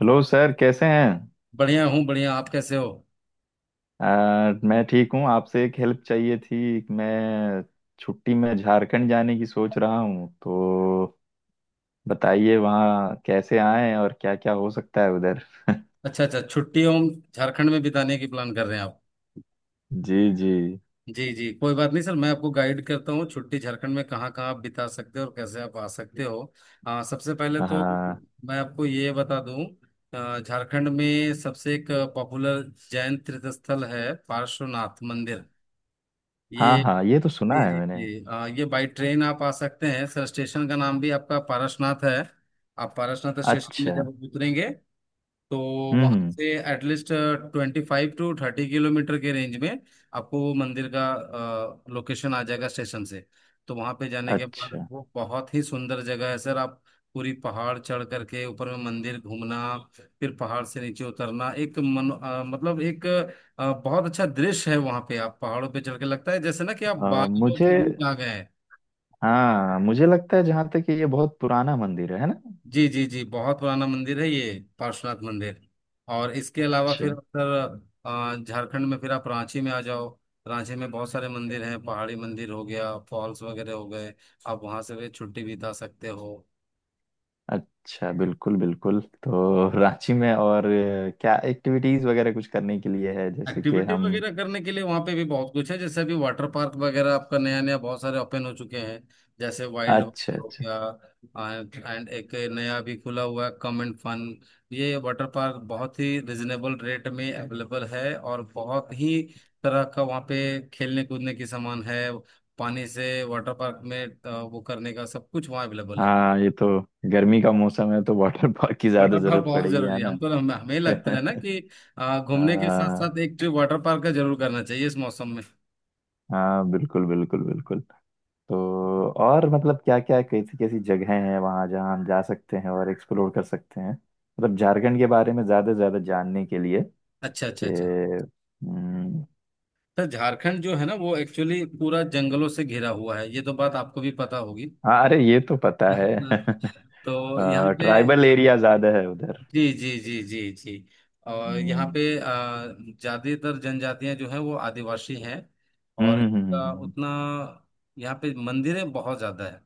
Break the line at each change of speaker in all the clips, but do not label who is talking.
Hello sir, कैसे हैं?
बढ़िया हूँ बढ़िया। आप कैसे हो?
मैं ठीक हूँ। आपसे एक हेल्प चाहिए थी। मैं छुट्टी में झारखंड जाने की सोच रहा हूँ, तो बताइए वहाँ कैसे आएं और क्या क्या हो सकता है उधर।
अच्छा अच्छा, छुट्टी हम झारखंड में बिताने की प्लान कर रहे हैं आप?
जी जी।
जी जी, कोई बात नहीं सर, मैं आपको गाइड करता हूँ, छुट्टी झारखंड में कहाँ कहाँ आप बिता सकते हो और कैसे आप आ सकते हो। सबसे पहले तो
हाँ
मैं आपको ये बता दूँ, झारखंड में सबसे एक पॉपुलर जैन तीर्थ स्थल है पार्श्वनाथ मंदिर
हाँ
ये।
हाँ, ये तो सुना
जी
है
जी
मैंने।
जी, ये बाई ट्रेन आप आ सकते हैं सर, स्टेशन का नाम भी आपका पारसनाथ है। आप पारसनाथ स्टेशन में
अच्छा।
जब उतरेंगे तो वहां
हम्म।
से एटलीस्ट 25 से 30 किलोमीटर के रेंज में आपको वो मंदिर का लोकेशन आ जाएगा स्टेशन से। तो वहां पे जाने के बाद
अच्छा।
वो बहुत ही सुंदर जगह है सर। आप पूरी पहाड़ चढ़ करके ऊपर में मंदिर घूमना फिर पहाड़ से नीचे उतरना, एक मन अ, मतलब एक अ, बहुत अच्छा दृश्य है। वहां पे आप पहाड़ों पे चढ़ के लगता है जैसे ना कि आप
आ,
बादलों
मुझे
के बीच आ गए।
हाँ, मुझे लगता है जहाँ तक कि ये बहुत पुराना मंदिर है ना?
जी जी जी, बहुत पुराना मंदिर है ये, पार्श्वनाथ मंदिर। और इसके अलावा
अच्छा
फिर सर, झारखंड में फिर आप रांची में आ जाओ। रांची में बहुत सारे मंदिर हैं, पहाड़ी मंदिर हो गया, फॉल्स वगैरह हो गए। आप वहां से भी छुट्टी बिता सकते हो।
अच्छा, बिल्कुल बिल्कुल। तो रांची में और क्या एक्टिविटीज वगैरह कुछ करने के लिए है, जैसे कि
एक्टिविटी
हम?
वगैरह करने के लिए वहां पे भी बहुत कुछ है, जैसे अभी वाटर पार्क वगैरह आपका नया नया बहुत सारे ओपन हो चुके हैं। जैसे वाइल्ड
अच्छा
हो
अच्छा।
गया एंड एक नया भी खुला हुआ है कम एंड फन। ये वाटर पार्क बहुत ही रिजनेबल रेट में अवेलेबल है, और बहुत ही तरह का वहाँ पे खेलने कूदने की सामान है। पानी से वाटर पार्क में वो करने का सब कुछ वहाँ अवेलेबल है।
हाँ, ये तो गर्मी का मौसम है तो वाटर पार्क की ज्यादा
वाटर पार्क
जरूरत
बहुत
पड़ेगी,
जरूरी
है
है,
ना?
हमको हमें हमें लगता है ना कि घूमने के साथ
हाँ
साथ एक ट्रिप वाटर पार्क का जरूर करना चाहिए इस मौसम में।
हाँ, बिल्कुल बिल्कुल बिल्कुल। तो और मतलब, क्या क्या कैसी कैसी जगहें हैं वहाँ जहाँ हम जा सकते हैं और एक्सप्लोर कर सकते हैं, मतलब झारखंड के बारे में ज्यादा से ज्यादा जानने के लिए
अच्छा अच्छा अच्छा।
कि। हम्म।
तो झारखंड जो है ना वो एक्चुअली पूरा जंगलों से घिरा हुआ है, ये तो बात आपको भी पता होगी।
हाँ, अरे ये तो पता है।
तो यहाँ पे
ट्राइबल एरिया ज्यादा है उधर।
जी जी जी जी जी, और यहाँ
हम्म
पे ज़्यादातर जनजातियाँ जो है वो आदिवासी हैं।
हम्म
और
हम्म, हम्म, हम्म,
इसका
हम्म, हम्म।
उतना यहाँ पे मंदिरें बहुत ज़्यादा है।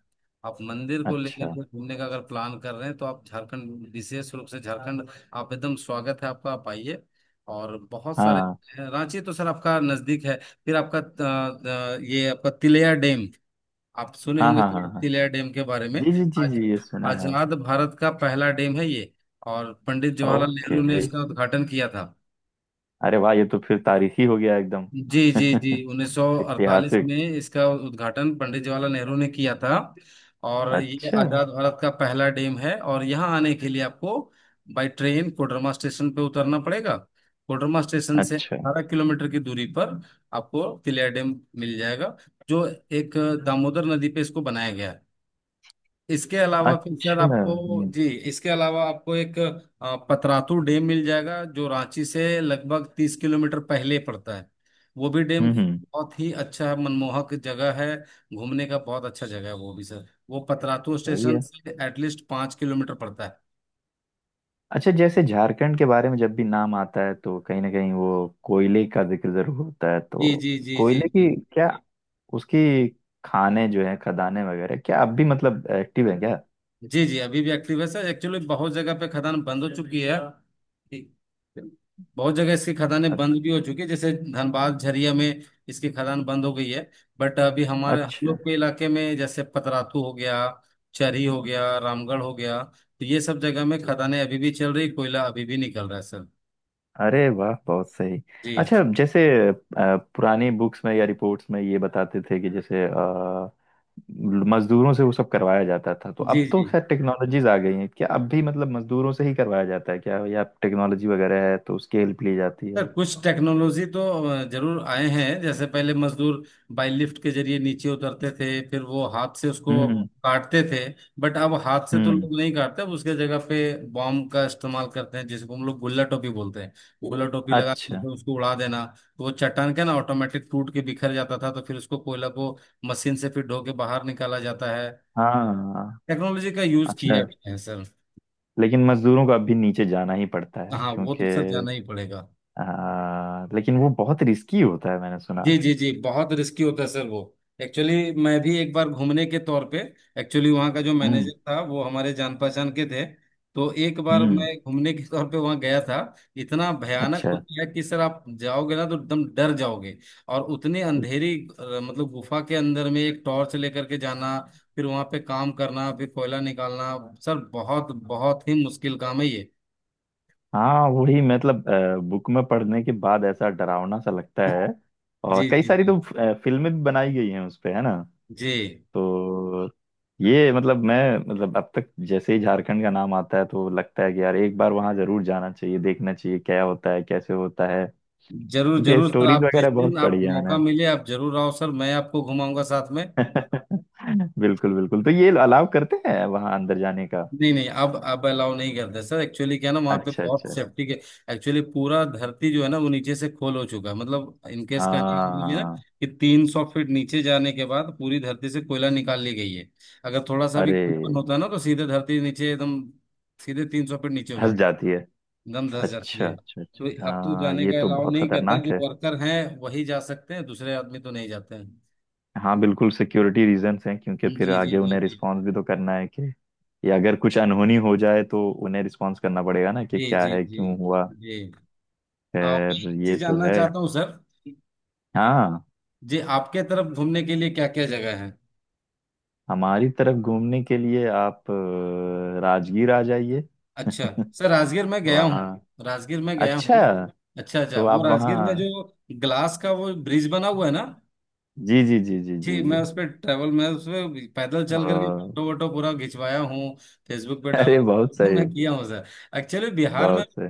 आप मंदिर को लेकर
अच्छा।
के घूमने का अगर प्लान कर रहे हैं तो आप झारखंड, विशेष रूप से झारखंड, आप एकदम स्वागत है आपका, आप आइए। और बहुत सारे
हाँ
रांची तो सर आपका नज़दीक है। फिर आपका ये आपका तिलैया डैम, आप सुने
हाँ
होंगे
हाँ
तो
हाँ। हाँ
तिलिया डैम के बारे में।
जी जी जी
आज
जी, ये सुना है।
आजाद भारत का पहला डैम है ये, और पंडित जवाहरलाल
ओके।
नेहरू ने इसका उद्घाटन किया था।
अरे वाह, ये तो फिर तारीखी हो गया एकदम।
जी जी जी, 1948
ऐतिहासिक।
में इसका उद्घाटन पंडित जवाहरलाल नेहरू ने किया था। और ये
अच्छा
आजाद भारत का पहला डैम है। और यहाँ आने के लिए आपको बाई ट्रेन कोडरमा स्टेशन पे उतरना पड़ेगा। कोडरमा स्टेशन से
अच्छा
18 किलोमीटर की दूरी पर आपको तिलिया डैम मिल जाएगा, जो एक दामोदर नदी पे इसको बनाया गया है। इसके अलावा फिर सर
अच्छा।
आपको, जी, इसके अलावा आपको एक पतरातू डैम मिल जाएगा, जो रांची से लगभग 30 किलोमीटर पहले पड़ता है। वो भी डैम
हम्म।
बहुत ही अच्छा मनमोहक जगह है, घूमने का बहुत अच्छा जगह है वो भी सर। वो पतरातू
सही
स्टेशन
है।
से एटलीस्ट 5 किलोमीटर पड़ता है।
अच्छा, जैसे झारखंड के बारे में जब भी नाम आता है तो कहीं ना कहीं वो कोयले का जिक्र जरूर होता है,
जी
तो
जी जी जी
कोयले
जी
की, क्या उसकी, खाने जो है खदानें वगैरह क्या अब भी मतलब एक्टिव है क्या?
जी जी, अभी भी एक्टिव है सर। एक्चुअली बहुत जगह पे खदान बंद हो चुकी है, बहुत जगह इसकी खदानें
अ-
बंद भी हो चुकी है, जैसे धनबाद झरिया में इसकी खदान बंद हो गई है। बट अभी हमारे हम
अच्छा,
लोग के इलाके में, जैसे पतरातू हो गया, चरी हो गया, रामगढ़ हो गया, तो ये सब जगह में खदानें अभी भी चल रही, कोयला अभी भी निकल रहा है सर।
अरे वाह, बहुत सही।
जी
अच्छा, जैसे पुरानी बुक्स में या रिपोर्ट्स में ये बताते थे कि जैसे मजदूरों से वो सब करवाया जाता था, तो
जी
अब तो
जी,
खैर टेक्नोलॉजीज आ गई हैं, क्या अब भी मतलब मजदूरों से ही करवाया जाता है क्या, या टेक्नोलॉजी वगैरह है तो उसकी हेल्प ली जाती
सर
है?
कुछ टेक्नोलॉजी तो जरूर आए हैं। जैसे पहले मजदूर बाई लिफ्ट के जरिए नीचे उतरते थे, फिर वो हाथ से उसको
हम्म
काटते थे। बट अब हाथ से तो
हम्म।
लोग नहीं काटते, अब उसके जगह पे बॉम्ब का इस्तेमाल करते हैं, जिसको हम लोग गुल्ला टोपी बोलते हैं। गुल्ला टोपी लगा के
अच्छा।
फिर उसको उड़ा देना, तो वो चट्टान का ना ऑटोमेटिक टूट के बिखर जाता था, तो फिर उसको कोयला को मशीन से फिर ढो के बाहर निकाला जाता है।
हाँ।
टेक्नोलॉजी का यूज किया
अच्छा,
गया है सर।
लेकिन मजदूरों को अब भी नीचे जाना ही पड़ता है
हाँ वो
क्योंकि
तो सर जाना ही पड़ेगा।
लेकिन वो बहुत रिस्की होता है, मैंने सुना।
जी जी जी, बहुत रिस्की होता है सर वो। एक्चुअली मैं भी एक बार घूमने के तौर पे, एक्चुअली वहाँ का जो
हम्म
मैनेजर था वो हमारे जान पहचान के थे, तो एक बार
हम्म।
मैं घूमने के तौर पे वहाँ गया था। इतना भयानक
अच्छा।
होता है कि सर आप जाओगे ना तो एकदम डर जाओगे। और उतनी अंधेरी, मतलब गुफा के अंदर में एक टॉर्च लेकर के जाना, फिर वहाँ पे काम करना, फिर कोयला निकालना, सर बहुत बहुत ही मुश्किल काम है ये।
हाँ, वही मतलब, बुक में पढ़ने के बाद ऐसा डरावना सा लगता है। और
जी
कई
जी
सारी
जी
तो फिल्में भी बनाई गई हैं उस पे, है ना?
जी।
तो ये मतलब मैं, मतलब, अब तक जैसे ही झारखंड का नाम आता है तो लगता है कि यार एक बार वहां जरूर जाना चाहिए, देखना चाहिए क्या होता है कैसे होता है।
जरूर
क्योंकि
जरूर सर,
स्टोरीज
आप जिस
वगैरह बहुत
दिन आप
पढ़ी है मैंने।
मौका मिले आप जरूर आओ सर, मैं आपको घुमाऊंगा साथ में।
बिल्कुल बिल्कुल, तो ये अलाउ करते हैं वहां अंदर जाने का?
नहीं नहीं, अब अलाउ नहीं करते सर। एक्चुअली क्या है ना, वहाँ पे
अच्छा अच्छा
बहुत
अच्छा।
सेफ्टी के, एक्चुअली पूरा धरती जो है ना वो नीचे से खोल हो चुका है, मतलब इनकेस का ये है ना,
हाँ।
कि 300 फीट नीचे जाने के बाद पूरी धरती से कोयला निकाल ली गई है। अगर थोड़ा सा भी
अरे,
कंपन होता है ना तो सीधे धरती नीचे एकदम, सीधे 300 फीट नीचे हो
धस
जाती,
जाती।
एकदम धस जाती
अच्छा
है।
अच्छा अच्छा
तो
अच्छा।
अब तो
हाँ,
जाने
ये
का
तो
अलाउ
बहुत
नहीं करता,
खतरनाक
जो
है।
वर्कर हैं वही जा सकते हैं, दूसरे आदमी तो नहीं जाते हैं।
हाँ बिल्कुल, सिक्योरिटी रीजंस हैं, क्योंकि
जी
फिर
जी
आगे
जी
उन्हें
जी
रिस्पॉन्स भी तो करना है कि ये अगर कुछ अनहोनी हो जाए तो उन्हें रिस्पॉन्स करना पड़ेगा ना कि
जी
क्या
जी
है,
जी
क्यों हुआ।
जी। और मैं
खैर,
एक
ये
चीज
तो
जानना
है।
चाहता हूँ सर,
हाँ।
जी आपके तरफ घूमने के लिए क्या क्या जगह है?
हमारी तरफ घूमने के लिए आप राजगीर आ जाइए।
अच्छा सर, राजगीर में गया हूँ,
वहाँ।
राजगीर में गया
अच्छा,
हूँ। अच्छा अच्छा,
तो
वो
आप
राजगीर में
वहाँ।
जो ग्लास का वो ब्रिज बना हुआ है ना,
जी जी जी जी जी
जी
जी।
मैं उस पर ट्रैवल मैं उस पे पैदल चल करके
अ,
फोटो वोटो पूरा खिंचवाया हूँ, फेसबुक पे डाला
अरे बहुत
हूँ,
सही,
मैं किया हूँ सर। एक्चुअली बिहार में,
बहुत सही।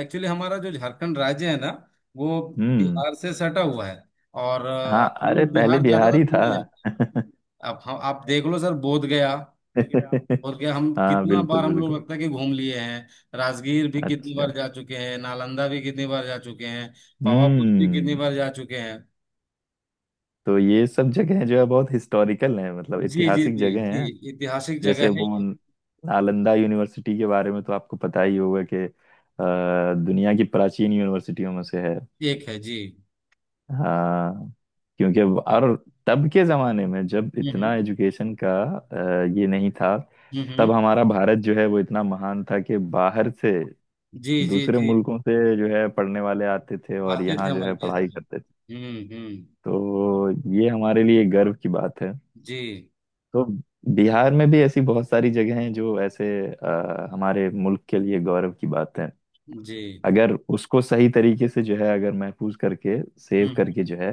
एक्चुअली हमारा जो झारखंड राज्य है ना वो
हम्म।
बिहार से सटा हुआ है। और
हाँ,
हम
अरे
लोग
पहले
बिहार ज्यादातर
बिहारी
घूमने जाते हैं। अब हम आप देख लो सर, बोध गया,
था।
बोध गया हम
हाँ
कितना
बिल्कुल
बार हम लोग
बिल्कुल।
लगता है कि घूम लिए हैं। राजगीर भी कितनी
अच्छा।
बार जा चुके हैं, नालंदा भी कितनी बार जा चुके हैं, पावापुरी भी कितनी
हम्म।
बार जा चुके हैं।
तो ये सब जगह जो है बहुत हिस्टोरिकल है, मतलब
जी जी
ऐतिहासिक
जी
जगह
जी,
हैं।
ऐतिहासिक जगह
जैसे
है।
वो नालंदा यूनिवर्सिटी के बारे में तो आपको पता ही होगा कि दुनिया की प्राचीन यूनिवर्सिटियों में से है।
एक है जी।
हाँ। क्योंकि, और तब के जमाने में जब
हम्म
इतना एजुकेशन का ये नहीं था,
हम्म
तब
हम्म,
हमारा भारत जो है वो इतना महान था कि बाहर से
जी जी
दूसरे
जी,
मुल्कों से जो है पढ़ने वाले आते थे और
आसिफ
यहाँ जो
अमल
है
के थे।
पढ़ाई करते थे।
हम्म।
तो ये हमारे लिए गर्व की बात है।
जी
तो बिहार में भी ऐसी बहुत सारी जगह हैं जो ऐसे हमारे मुल्क के लिए गौरव की बात है।
जी।
अगर उसको सही तरीके से जो है, अगर महफूज करके सेव
हम्म।
करके जो है,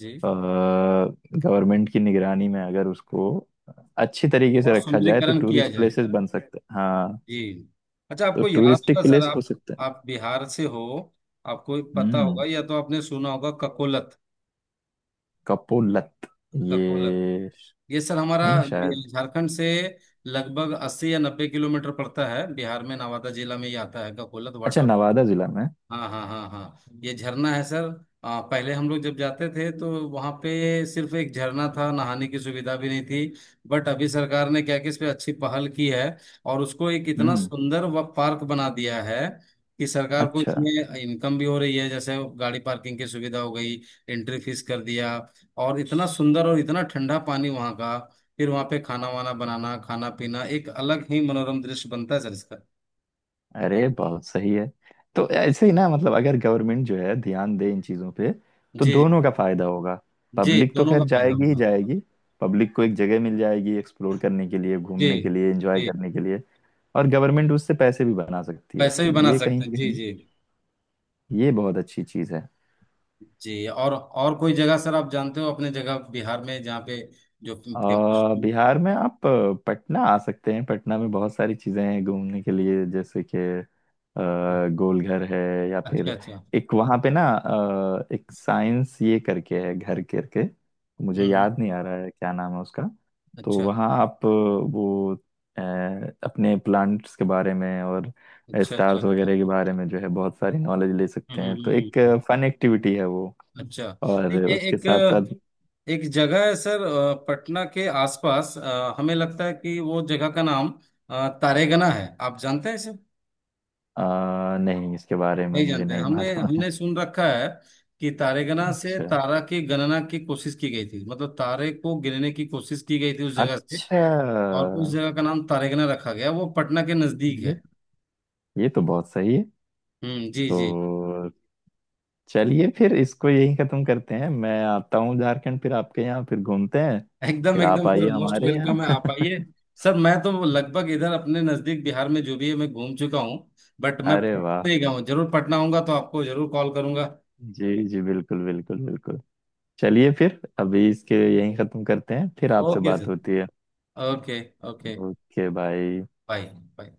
जी।
गवर्नमेंट की निगरानी में अगर उसको अच्छी तरीके
और
से रखा जाए तो
सुंदरीकरण किया
टूरिस्ट
जाए,
प्लेसेस बन सकते हैं, हाँ।
जी। अच्छा
तो
आपको याद होगा
टूरिस्टिक
सर,
प्लेस हो
आप
सकते हैं।
आप बिहार से हो, आपको पता होगा
हम्म।
या तो आपने सुना होगा ककोलत,
कपोलत?
ककोलत,
ये
ये सर हमारा
नहीं, शायद।
झारखंड से लगभग 80 या 90 किलोमीटर पड़ता है। बिहार में नवादा जिला में ही आता है ककोलत
अच्छा,
वाटर।
नवादा जिला में।
हाँ हाँ हाँ हाँ, ये झरना है सर। पहले हम लोग जब जाते थे तो वहाँ पे सिर्फ एक झरना था, नहाने की सुविधा भी नहीं थी। बट अभी सरकार ने क्या कि इस पे अच्छी पहल की है, और उसको एक इतना
हम्म।
सुंदर व पार्क बना दिया है कि सरकार को
अच्छा,
इसमें इनकम भी हो रही है। जैसे गाड़ी पार्किंग की सुविधा हो गई, एंट्री फीस कर दिया। और इतना सुंदर और इतना ठंडा पानी वहाँ का, फिर वहाँ पे खाना वाना बनाना खाना पीना, एक अलग ही मनोरम दृश्य बनता है सर इसका।
अरे बहुत सही है। तो ऐसे ही ना, मतलब अगर गवर्नमेंट जो है ध्यान दे इन चीजों पे तो
जी
दोनों का फायदा होगा।
जी,
पब्लिक तो
दोनों का
खैर
फायदा
जाएगी ही
होगा।
जाएगी। पब्लिक को एक जगह मिल जाएगी एक्सप्लोर करने के लिए,
जी
घूमने के लिए, एंजॉय
जी,
करने के लिए। और गवर्नमेंट उससे पैसे भी बना सकती है,
पैसे भी
तो
बना
ये
सकते
कहीं
हैं
ना
जी
कहीं
जी।
ये बहुत अच्छी चीज है।
जी, और कोई जगह सर आप जानते हो अपने जगह बिहार में जहाँ पे जो
अ,
फेमस?
बिहार में आप पटना आ सकते हैं। पटना में बहुत सारी चीज़ें हैं घूमने के लिए, जैसे कि अ, गोलघर है, या
अच्छा
फिर
अच्छा,
एक वहाँ पे ना एक साइंस ये करके है, घर करके,
हम्म
मुझे
हम्म,
याद नहीं आ रहा है क्या नाम है उसका। तो
अच्छा
वहाँ आप वो अ, अपने प्लांट्स के बारे में और
अच्छा अच्छा
स्टार्स
अच्छा,
वगैरह के बारे में जो है बहुत सारी नॉलेज ले
हम्म
सकते हैं, तो
हम्म, हम्म,
एक
हम्म,
फन एक्टिविटी है वो।
अच्छा।
और
एक
उसके
एक
साथ साथ
एक जगह है सर पटना के आसपास, हमें लगता है कि वो जगह का नाम तारेगना है, आप जानते हैं?
नहीं, इसके बारे में
नहीं
मुझे
जानते हैं।
नहीं
हमें,
मालूम।
हमने सुन रखा है कि तारेगना से
अच्छा
तारा की गणना की कोशिश की गई थी, मतलब तारे को गिनने की कोशिश की गई थी उस जगह से,
अच्छा,
और उस जगह का नाम तारेगना रखा गया। वो पटना के नजदीक
ये
है।
ये तो बहुत सही है।
जी जी।
तो चलिए फिर इसको यहीं खत्म करते हैं। मैं आता हूँ झारखंड, फिर आपके यहाँ फिर घूमते हैं।
एकदम
फिर आप
एकदम सर,
आइए
मोस्ट
हमारे
वेलकम
यहाँ।
है आप आइए सर। मैं तो लगभग इधर अपने नजदीक बिहार में जो भी है मैं घूम चुका हूँ। बट मैं
अरे वाह।
पटना ही गया हूँ, जरूर पटना आऊंगा तो आपको जरूर कॉल करूंगा।
जी जी बिल्कुल बिल्कुल बिल्कुल। चलिए फिर अभी इसके यहीं खत्म करते हैं, फिर आपसे
ओके
बात
सर।
होती है।
ओके। ओके।
ओके भाई।
बाय। बाय।